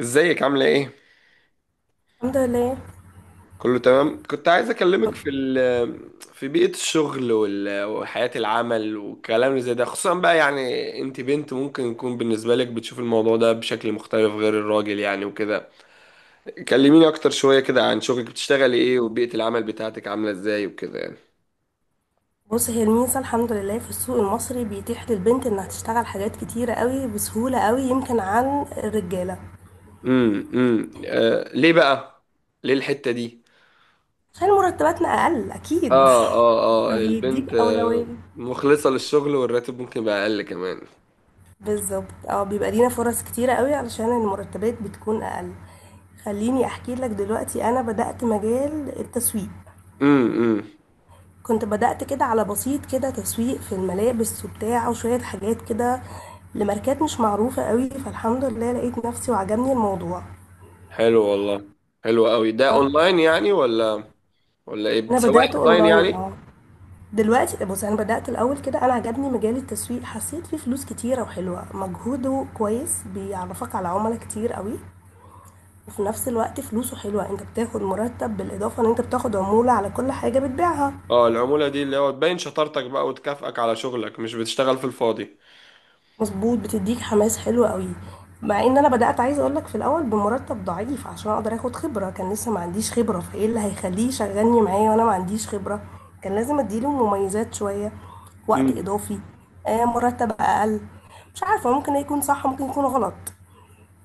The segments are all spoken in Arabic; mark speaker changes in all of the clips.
Speaker 1: ازيك عاملة ايه؟
Speaker 2: الحمد لله.
Speaker 1: كله تمام؟ كنت عايز اكلمك في بيئة الشغل وال- وحياة العمل والكلام اللي زي ده، خصوصا بقى يعني انت بنت، ممكن يكون بالنسبة لك بتشوف الموضوع ده بشكل مختلف غير الراجل يعني وكده. كلميني اكتر شوية كده عن شغلك، بتشتغلي ايه وبيئة العمل بتاعتك عاملة ازاي وكده يعني.
Speaker 2: بص، هي الميزة الحمد لله في السوق المصري بيتيح للبنت انها تشتغل حاجات كتيرة قوي بسهولة قوي يمكن عن الرجالة.
Speaker 1: آه، ليه بقى؟ ليه الحتة دي؟
Speaker 2: عشان مرتباتنا اقل اكيد.
Speaker 1: اه اه اه،
Speaker 2: فبيديك
Speaker 1: البنت آه،
Speaker 2: اولوية.
Speaker 1: مخلصة للشغل والراتب ممكن يبقى اقل كمان.
Speaker 2: بالظبط، اه، بيبقى لينا فرص كتيرة قوي علشان المرتبات بتكون اقل. خليني احكي لك دلوقتي، انا بدأت مجال التسويق.
Speaker 1: امم.
Speaker 2: كنت بدأت كده على بسيط، كده تسويق في الملابس وبتاع وشوية حاجات كده لماركات مش معروفة قوي، فالحمد لله لقيت نفسي وعجبني الموضوع.
Speaker 1: حلو والله، حلو قوي. ده
Speaker 2: آه،
Speaker 1: اونلاين يعني ولا ولا ايه
Speaker 2: أنا
Speaker 1: بتسوق؟
Speaker 2: بدأت
Speaker 1: اونلاين
Speaker 2: أونلاين.
Speaker 1: يعني.
Speaker 2: آه، دلوقتي بُصّي، أنا بدأت الأول كده. أنا عجبني مجال التسويق، حسّيت فيه فلوس كتيرة وحلوة، مجهوده كويس، بيعرّفك على عُملا كتير أوي، وفي نفس الوقت فلوسه حلوة. أنت بتاخد مُرتّب بالإضافة إن أنت بتاخد عمولة على كل حاجة بتبيعها.
Speaker 1: اه، العمولة دي اللي هو تبين شطارتك بقى وتكافئك على شغلك، مش بتشتغل في الفاضي.
Speaker 2: مظبوط، بتديك حماس حلو قوي. مع ان انا بدات عايزه اقول لك في الاول بمرتب ضعيف عشان اقدر اخد خبره، كان لسه ما عنديش خبره، فايه اللي هيخليه يشغلني معايا وانا ما عنديش خبره؟ كان لازم اديله مميزات شويه، وقت
Speaker 1: امم.
Speaker 2: اضافي، آه، مرتب اقل. مش عارفه، ممكن يكون صح ممكن يكون غلط.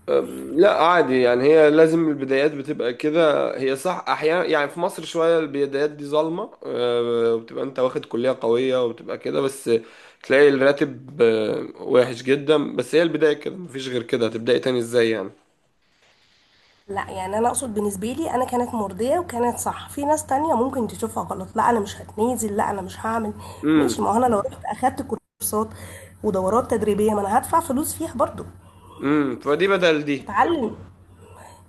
Speaker 1: لا عادي يعني، هي لازم البدايات بتبقى كده، هي صح احيانا يعني في مصر شوية البدايات دي ظالمة، أه، وبتبقى انت واخد كلية قوية وبتبقى كده، بس تلاقي الراتب أه، وحش جدا، بس هي البداية كده مفيش غير كده، هتبدأي تاني ازاي يعني.
Speaker 2: لا يعني انا اقصد بالنسبه لي انا كانت مرضيه وكانت صح. في ناس تانية ممكن تشوفها غلط. لا انا مش هتنازل، لا انا مش هعمل. ماشي،
Speaker 1: امم
Speaker 2: ما هو انا لو رحت اخدت كورسات ودورات تدريبيه ما انا هدفع فلوس فيها برضو.
Speaker 1: فدي بدل
Speaker 2: مش
Speaker 1: دي.
Speaker 2: هتعلم.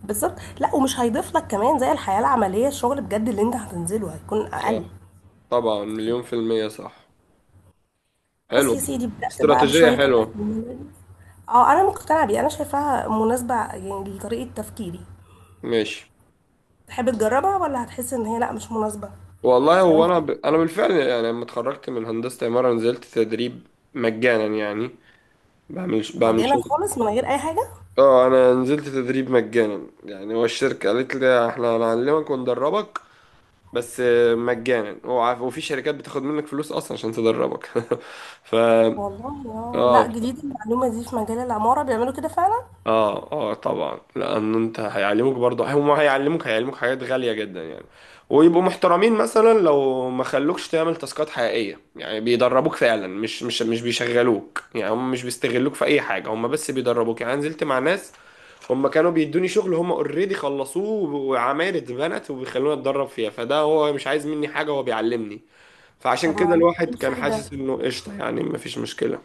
Speaker 2: بالظبط، لا، ومش هيضيف لك كمان زي الحياة العملية. الشغل بجد اللي انت هتنزله هيكون اقل.
Speaker 1: طبعا، مليون في المية صح.
Speaker 2: بس
Speaker 1: حلو.
Speaker 2: يا سيدي، بدأت بقى
Speaker 1: استراتيجية
Speaker 2: بشوية كده في
Speaker 1: حلوة.
Speaker 2: الموبايل. اه، انا مقتنعة بيه، انا شايفاها مناسبة يعني لطريقة تفكيري.
Speaker 1: ماشي.
Speaker 2: تحب تجربها ولا هتحس ان هي لا مش مناسبة؟
Speaker 1: والله
Speaker 2: لو
Speaker 1: هو
Speaker 2: انت
Speaker 1: أنا بالفعل يعني لما اتخرجت من هندسة عمارة نزلت تدريب مجانا يعني، بعمل
Speaker 2: مجانا
Speaker 1: شغل.
Speaker 2: خالص من غير اي حاجة.
Speaker 1: اه أنا نزلت تدريب مجانا، يعني هو الشركة قالت لي احنا هنعلمك وندربك بس مجانا. هو عارف، وفي شركات بتاخد منك فلوس أصلا عشان تدربك ف
Speaker 2: والله اه، لا،
Speaker 1: اه
Speaker 2: جديدة المعلومة دي. في مجال العمارة بيعملوا كده فعلا؟
Speaker 1: اه اه طبعا، لان انت هيعلموك برضه، هم هيعلموك حاجات غالية جدا يعني. ويبقوا محترمين مثلا لو ما خلوكش تعمل تاسكات حقيقية، يعني بيدربوك فعلا، مش بيشغلوك يعني، هم مش بيستغلوك في اي حاجة، هم بس بيدربوك يعني. أنا نزلت مع ناس هم كانوا بيدوني شغل هم اوريدي خلصوه وعماير اتبنت وبيخلوني اتدرب فيها، فده هو مش عايز مني حاجة، هو بيعلمني. فعشان
Speaker 2: طب
Speaker 1: كده
Speaker 2: معلش، ايه
Speaker 1: الواحد كان
Speaker 2: الفايدة؟
Speaker 1: حاسس انه قشطة يعني، مفيش مشكلة.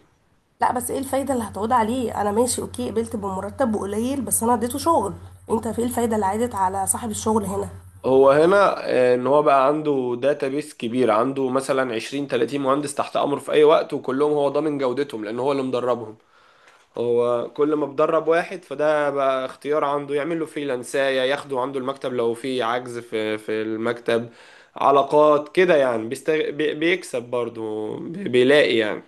Speaker 2: لا بس ايه الفايدة اللي هتعود عليه؟ انا ماشي، اوكي، قبلت بمرتب قليل، بس انا اديته شغل. انت في ايه الفايدة اللي عادت على صاحب الشغل هنا؟
Speaker 1: هو هنا آه، ان هو بقى عنده داتابيس كبير، عنده مثلا 20 30 مهندس تحت امره في اي وقت، وكلهم هو ضامن جودتهم لان هو اللي مدربهم. هو كل ما بدرب واحد فده بقى اختيار عنده يعمل له فريلانسايه، ياخده عنده المكتب لو في عجز في في المكتب، علاقات كده يعني. بيكسب برضه، بيلاقي يعني.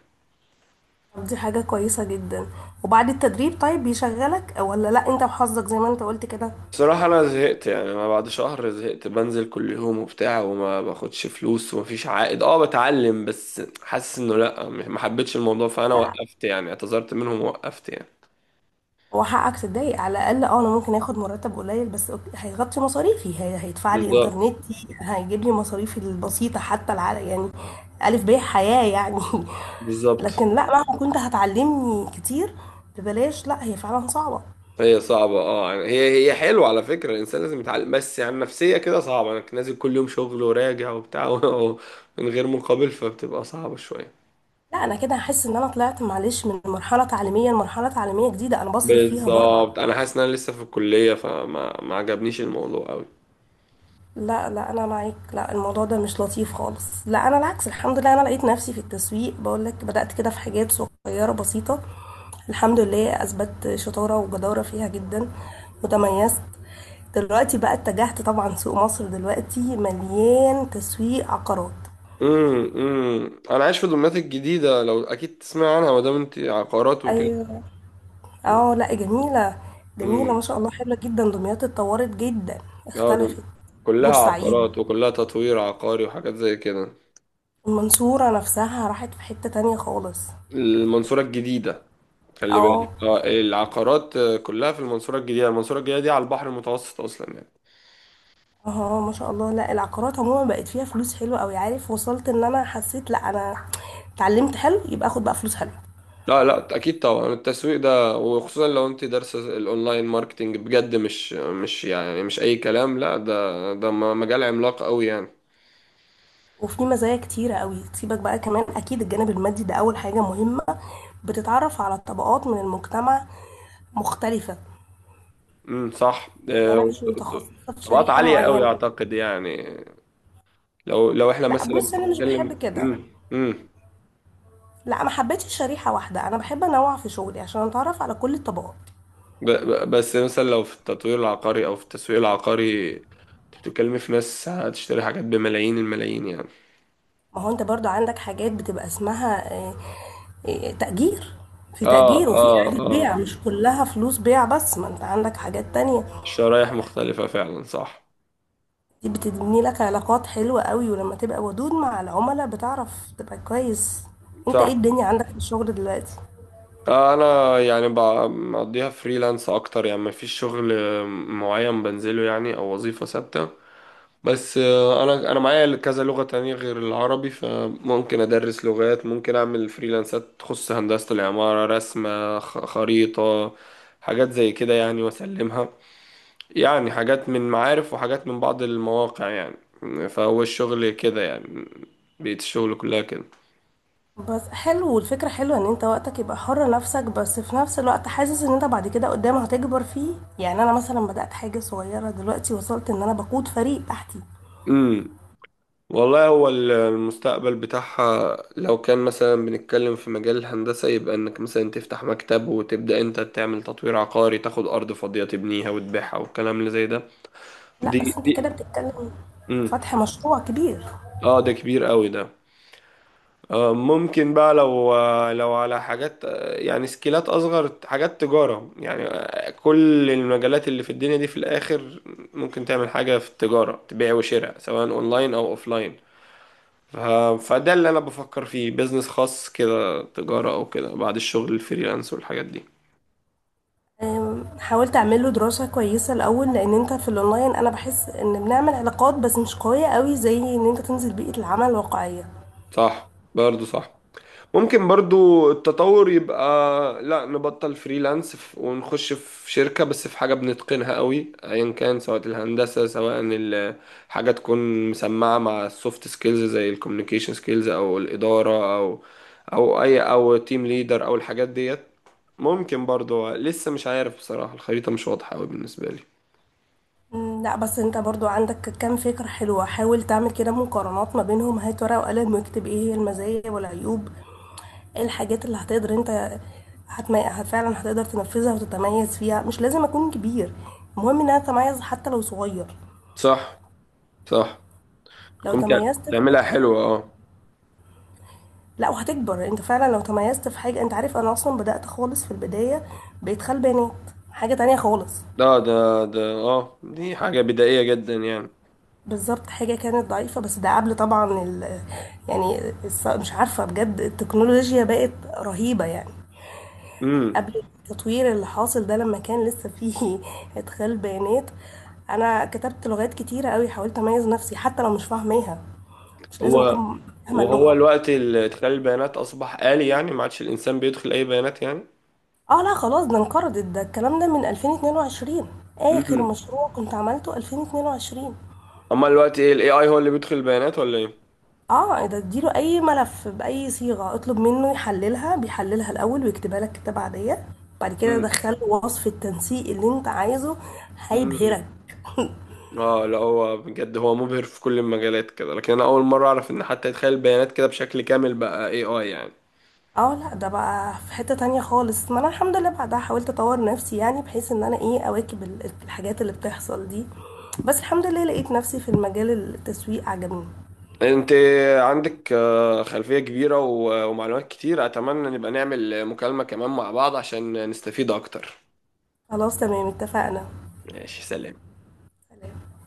Speaker 2: طب دي حاجة كويسة جدا. وبعد التدريب طيب بيشغلك ولا لا انت وحظك زي ما انت قلت كده؟
Speaker 1: بصراحة أنا زهقت يعني، أنا بعد شهر زهقت. بنزل كل يوم وبتاع وما باخدش فلوس ومفيش عائد، أه بتعلم بس حاسس إنه لأ، ما حبيتش الموضوع، فأنا
Speaker 2: لا،
Speaker 1: وقفت يعني، اعتذرت منهم ووقفت يعني.
Speaker 2: هو حقك تتضايق على الاقل. اه انا ممكن اخد مرتب قليل بس أوكي، هيغطي مصاريفي، هي هيدفع لي
Speaker 1: بالظبط.
Speaker 2: انترنتي، هيجيب لي مصاريفي البسيطة، حتى يعني الف ب حياة يعني.
Speaker 1: بالظبط.
Speaker 2: لكن لا، مهما كنت هتعلمني كتير ببلاش، لا، هي فعلا صعبة.
Speaker 1: هي صعبة أه يعني، هي حلوة على فكرة، الإنسان لازم يتعلم، بس يعني نفسية كده صعبة أنك نازل كل يوم شغل وراجع وبتاع من غير مقابل، فبتبقى صعبة شوية.
Speaker 2: لا انا كده هحس ان انا طلعت معلش من مرحله تعليميه لمرحله تعليميه جديده انا بصرف فيها برضو.
Speaker 1: بالظبط، أنا حاسس إن أنا لسه في الكلية، ما عجبنيش الموضوع أوي.
Speaker 2: لا انا معاك، لا الموضوع ده مش لطيف خالص. لا انا العكس، الحمد لله انا لقيت نفسي في التسويق، بقول لك بدات كده في حاجات صغيره بسيطه، الحمد لله اثبت شطاره وجداره فيها جدا وتميزت. دلوقتي بقى اتجهت طبعا، سوق مصر دلوقتي مليان تسويق عقارات.
Speaker 1: انا عايش في دمياط الجديده، لو اكيد تسمع عنها ما دام انت عقارات وكده.
Speaker 2: ايوه. اه لا، جميلة، جميلة ما
Speaker 1: امم.
Speaker 2: شاء الله، حلوة جدا، دمياط اتطورت جدا،
Speaker 1: اه
Speaker 2: اختلفت.
Speaker 1: كلها
Speaker 2: بورسعيد،
Speaker 1: عقارات وكلها تطوير عقاري وحاجات زي كده.
Speaker 2: المنصورة نفسها راحت في حتة تانية خالص.
Speaker 1: المنصوره الجديده. خلي
Speaker 2: اه
Speaker 1: بالك اه العقارات آه، كلها في المنصوره الجديده، المنصوره الجديده دي على البحر المتوسط اصلا يعني.
Speaker 2: اه، ما شاء الله. لا العقارات عموما بقت فيها فلوس حلوة اوي، عارف وصلت ان انا حسيت لا انا اتعلمت حلو يبقى اخد بقى فلوس حلوة.
Speaker 1: لا لا، اكيد طبعا التسويق ده، وخصوصا لو انت دارسه الاونلاين ماركتينج بجد، مش يعني مش اي كلام، لا ده مجال عملاق قوي يعني.
Speaker 2: وفي مزايا كتيرة قوي سيبك بقى، كمان اكيد الجانب المادي ده اول حاجة مهمة. بتتعرف على طبقات من المجتمع مختلفة،
Speaker 1: صح
Speaker 2: يعني انا
Speaker 1: آه،
Speaker 2: مش متخصصة في
Speaker 1: طبقات
Speaker 2: شريحة
Speaker 1: عالية قوي
Speaker 2: معينة.
Speaker 1: اعتقد يعني. لو لو احنا
Speaker 2: لا
Speaker 1: مثلا
Speaker 2: بص انا مش بحب
Speaker 1: بنتكلم.
Speaker 2: كده، لا ما حبيتش شريحه واحده، انا بحب انوع في شغلي عشان اتعرف على كل الطبقات.
Speaker 1: بس مثلا لو في التطوير العقاري او في التسويق العقاري، انت بتتكلمي في ناس هتشتري حاجات بملايين الملايين يعني.
Speaker 2: ما هو انت برضو عندك حاجات بتبقى اسمها آه، آه، تأجير. في
Speaker 1: اه
Speaker 2: تأجير وفي
Speaker 1: اه
Speaker 2: إعادة
Speaker 1: اه،
Speaker 2: بيع، مش كلها فلوس بيع بس، ما انت عندك حاجات تانية.
Speaker 1: الشرايح مختلفة فعلا صح.
Speaker 2: دي بتبني لك علاقات حلوة قوي، ولما تبقى ودود مع العملاء بتعرف تبقى كويس. انت ايه
Speaker 1: صح
Speaker 2: الدنيا عندك في الشغل دلوقتي؟
Speaker 1: آه، انا يعني مقضيها فريلانس اكتر يعني، مفيش شغل معين بنزله يعني او وظيفة ثابتة، بس آه، انا معايا كذا لغة تانية غير العربي، فممكن ادرس لغات، ممكن اعمل فريلانسات تخص هندسة العمارة، رسمة خريطة، حاجات زي كده يعني واسلمها يعني، حاجات من معارف وحاجات من بعض المواقع يعني. فهو الشغل كده يعني، بيت الشغل كلها
Speaker 2: بس حلو والفكرة حلوة ان انت وقتك يبقى حر نفسك، بس في نفس الوقت حاسس ان انت بعد كده قدام هتكبر فيه. يعني انا مثلا بدأت حاجة صغيرة، دلوقتي وصلت ان انا بقود فريق تحتي.
Speaker 1: كده. والله هو المستقبل بتاعها لو كان مثلا بنتكلم في مجال الهندسة، يبقى انك مثلا تفتح مكتب وتبدأ انت تعمل تطوير عقاري، تاخد ارض فاضية تبنيها وتبيعها والكلام اللي زي ده.
Speaker 2: لا
Speaker 1: دي
Speaker 2: بس انت كده
Speaker 1: دي
Speaker 2: بتتكلم
Speaker 1: امم.
Speaker 2: فتح مشروع كبير.
Speaker 1: اه ده كبير قوي ده. آه ممكن بقى لو لو على حاجات آه، يعني سكيلات اصغر، حاجات تجارة يعني آه، كل المجالات اللي في الدنيا دي في الاخر. ممكن تعمل حاجة في التجارة، تبيع وشراء سواء اونلاين او اوفلاين آه، فده اللي انا بفكر فيه، بيزنس خاص كده تجارة او كده بعد الشغل الفريلانس والحاجات دي.
Speaker 2: أم، حاولت اعمل له دراسة كويسة الاول، لان انت في الاونلاين انا بحس ان بنعمل علاقات بس مش قوية قوي زي ان انت تنزل بيئة العمل الواقعية.
Speaker 1: صح برضو صح. ممكن برضو التطور يبقى لا نبطل فريلانس ونخش في شركة، بس في حاجة بنتقنها قوي ايا كان، سواء الهندسة سواء حاجة تكون مسمعة مع السوفت سكيلز زي الكوميونيكيشن سكيلز او الإدارة او او اي او تيم ليدر او الحاجات ديت. ممكن برضو لسه مش عارف بصراحة، الخريطة مش واضحة قوي بالنسبة لي.
Speaker 2: مم، لا بس انت برضو عندك كام فكرة حلوة، حاول تعمل كده مقارنات ما بينهم، هات ورقة وقلم واكتب ايه هي المزايا والعيوب، ايه الحاجات اللي هتقدر انت فعلا هتقدر تنفذها وتتميز فيها. مش لازم اكون كبير، المهم ان انا اتميز حتى لو صغير.
Speaker 1: صح صح.
Speaker 2: لو
Speaker 1: كنت
Speaker 2: تميزت في
Speaker 1: تعملها
Speaker 2: حاجة-
Speaker 1: حلوة اه.
Speaker 2: لا وهتكبر انت فعلا لو تميزت في حاجة. انت عارف انا اصلا بدأت خالص في البداية بإدخال بيانات، حاجة تانية خالص.
Speaker 1: ده اه دي حاجة بدائية جدا يعني.
Speaker 2: بالضبط، حاجة كانت ضعيفة، بس ده قبل طبعًا يعني مش عارفة بجد، التكنولوجيا بقت رهيبة يعني،
Speaker 1: امم.
Speaker 2: قبل التطوير اللي حاصل ده، لما كان لسه فيه إدخال بيانات. أنا كتبت لغات كتيرة أوي، حاولت أميز نفسي حتى لو مش فاهماها، مش لازم
Speaker 1: هو
Speaker 2: أكون فاهمة
Speaker 1: وهو
Speaker 2: اللغة.
Speaker 1: الوقت اللي ادخال البيانات اصبح آلي يعني، ما عادش الانسان بيدخل اي بيانات يعني.
Speaker 2: اه لا خلاص، ده انقرضت، ده الكلام ده من 2022، آخر
Speaker 1: امم.
Speaker 2: مشروع كنت عملته 2022.
Speaker 1: اما الوقت ايه الاي اي هو اللي بيدخل البيانات ولا ايه؟
Speaker 2: اه، إيه ده؟ اديله اي ملف باي صيغه، اطلب منه يحللها، بيحللها الاول ويكتبها لك كتابه عاديه، بعد كده
Speaker 1: امم.
Speaker 2: دخله وصف التنسيق اللي انت عايزه،
Speaker 1: امم.
Speaker 2: هيبهرك.
Speaker 1: اه لا هو بجد هو مبهر في كل المجالات كده، لكن انا اول مرة اعرف ان حتى ادخال البيانات كده بشكل كامل بقى اي اي يعني.
Speaker 2: اه لا ده بقى في حته تانية خالص، ما انا الحمد لله بعدها حاولت اطور نفسي يعني، بحيث ان انا ايه، اواكب الحاجات اللي بتحصل دي. بس الحمد لله لقيت نفسي في المجال، التسويق عجبني.
Speaker 1: انت عندك آه، خلفية كبيرة ومعلومات كتير، اتمنى نبقى نعمل مكالمة كمان مع بعض عشان نستفيد اكتر.
Speaker 2: خلاص تمام اتفقنا.
Speaker 1: ماشي سلام.
Speaker 2: سلام.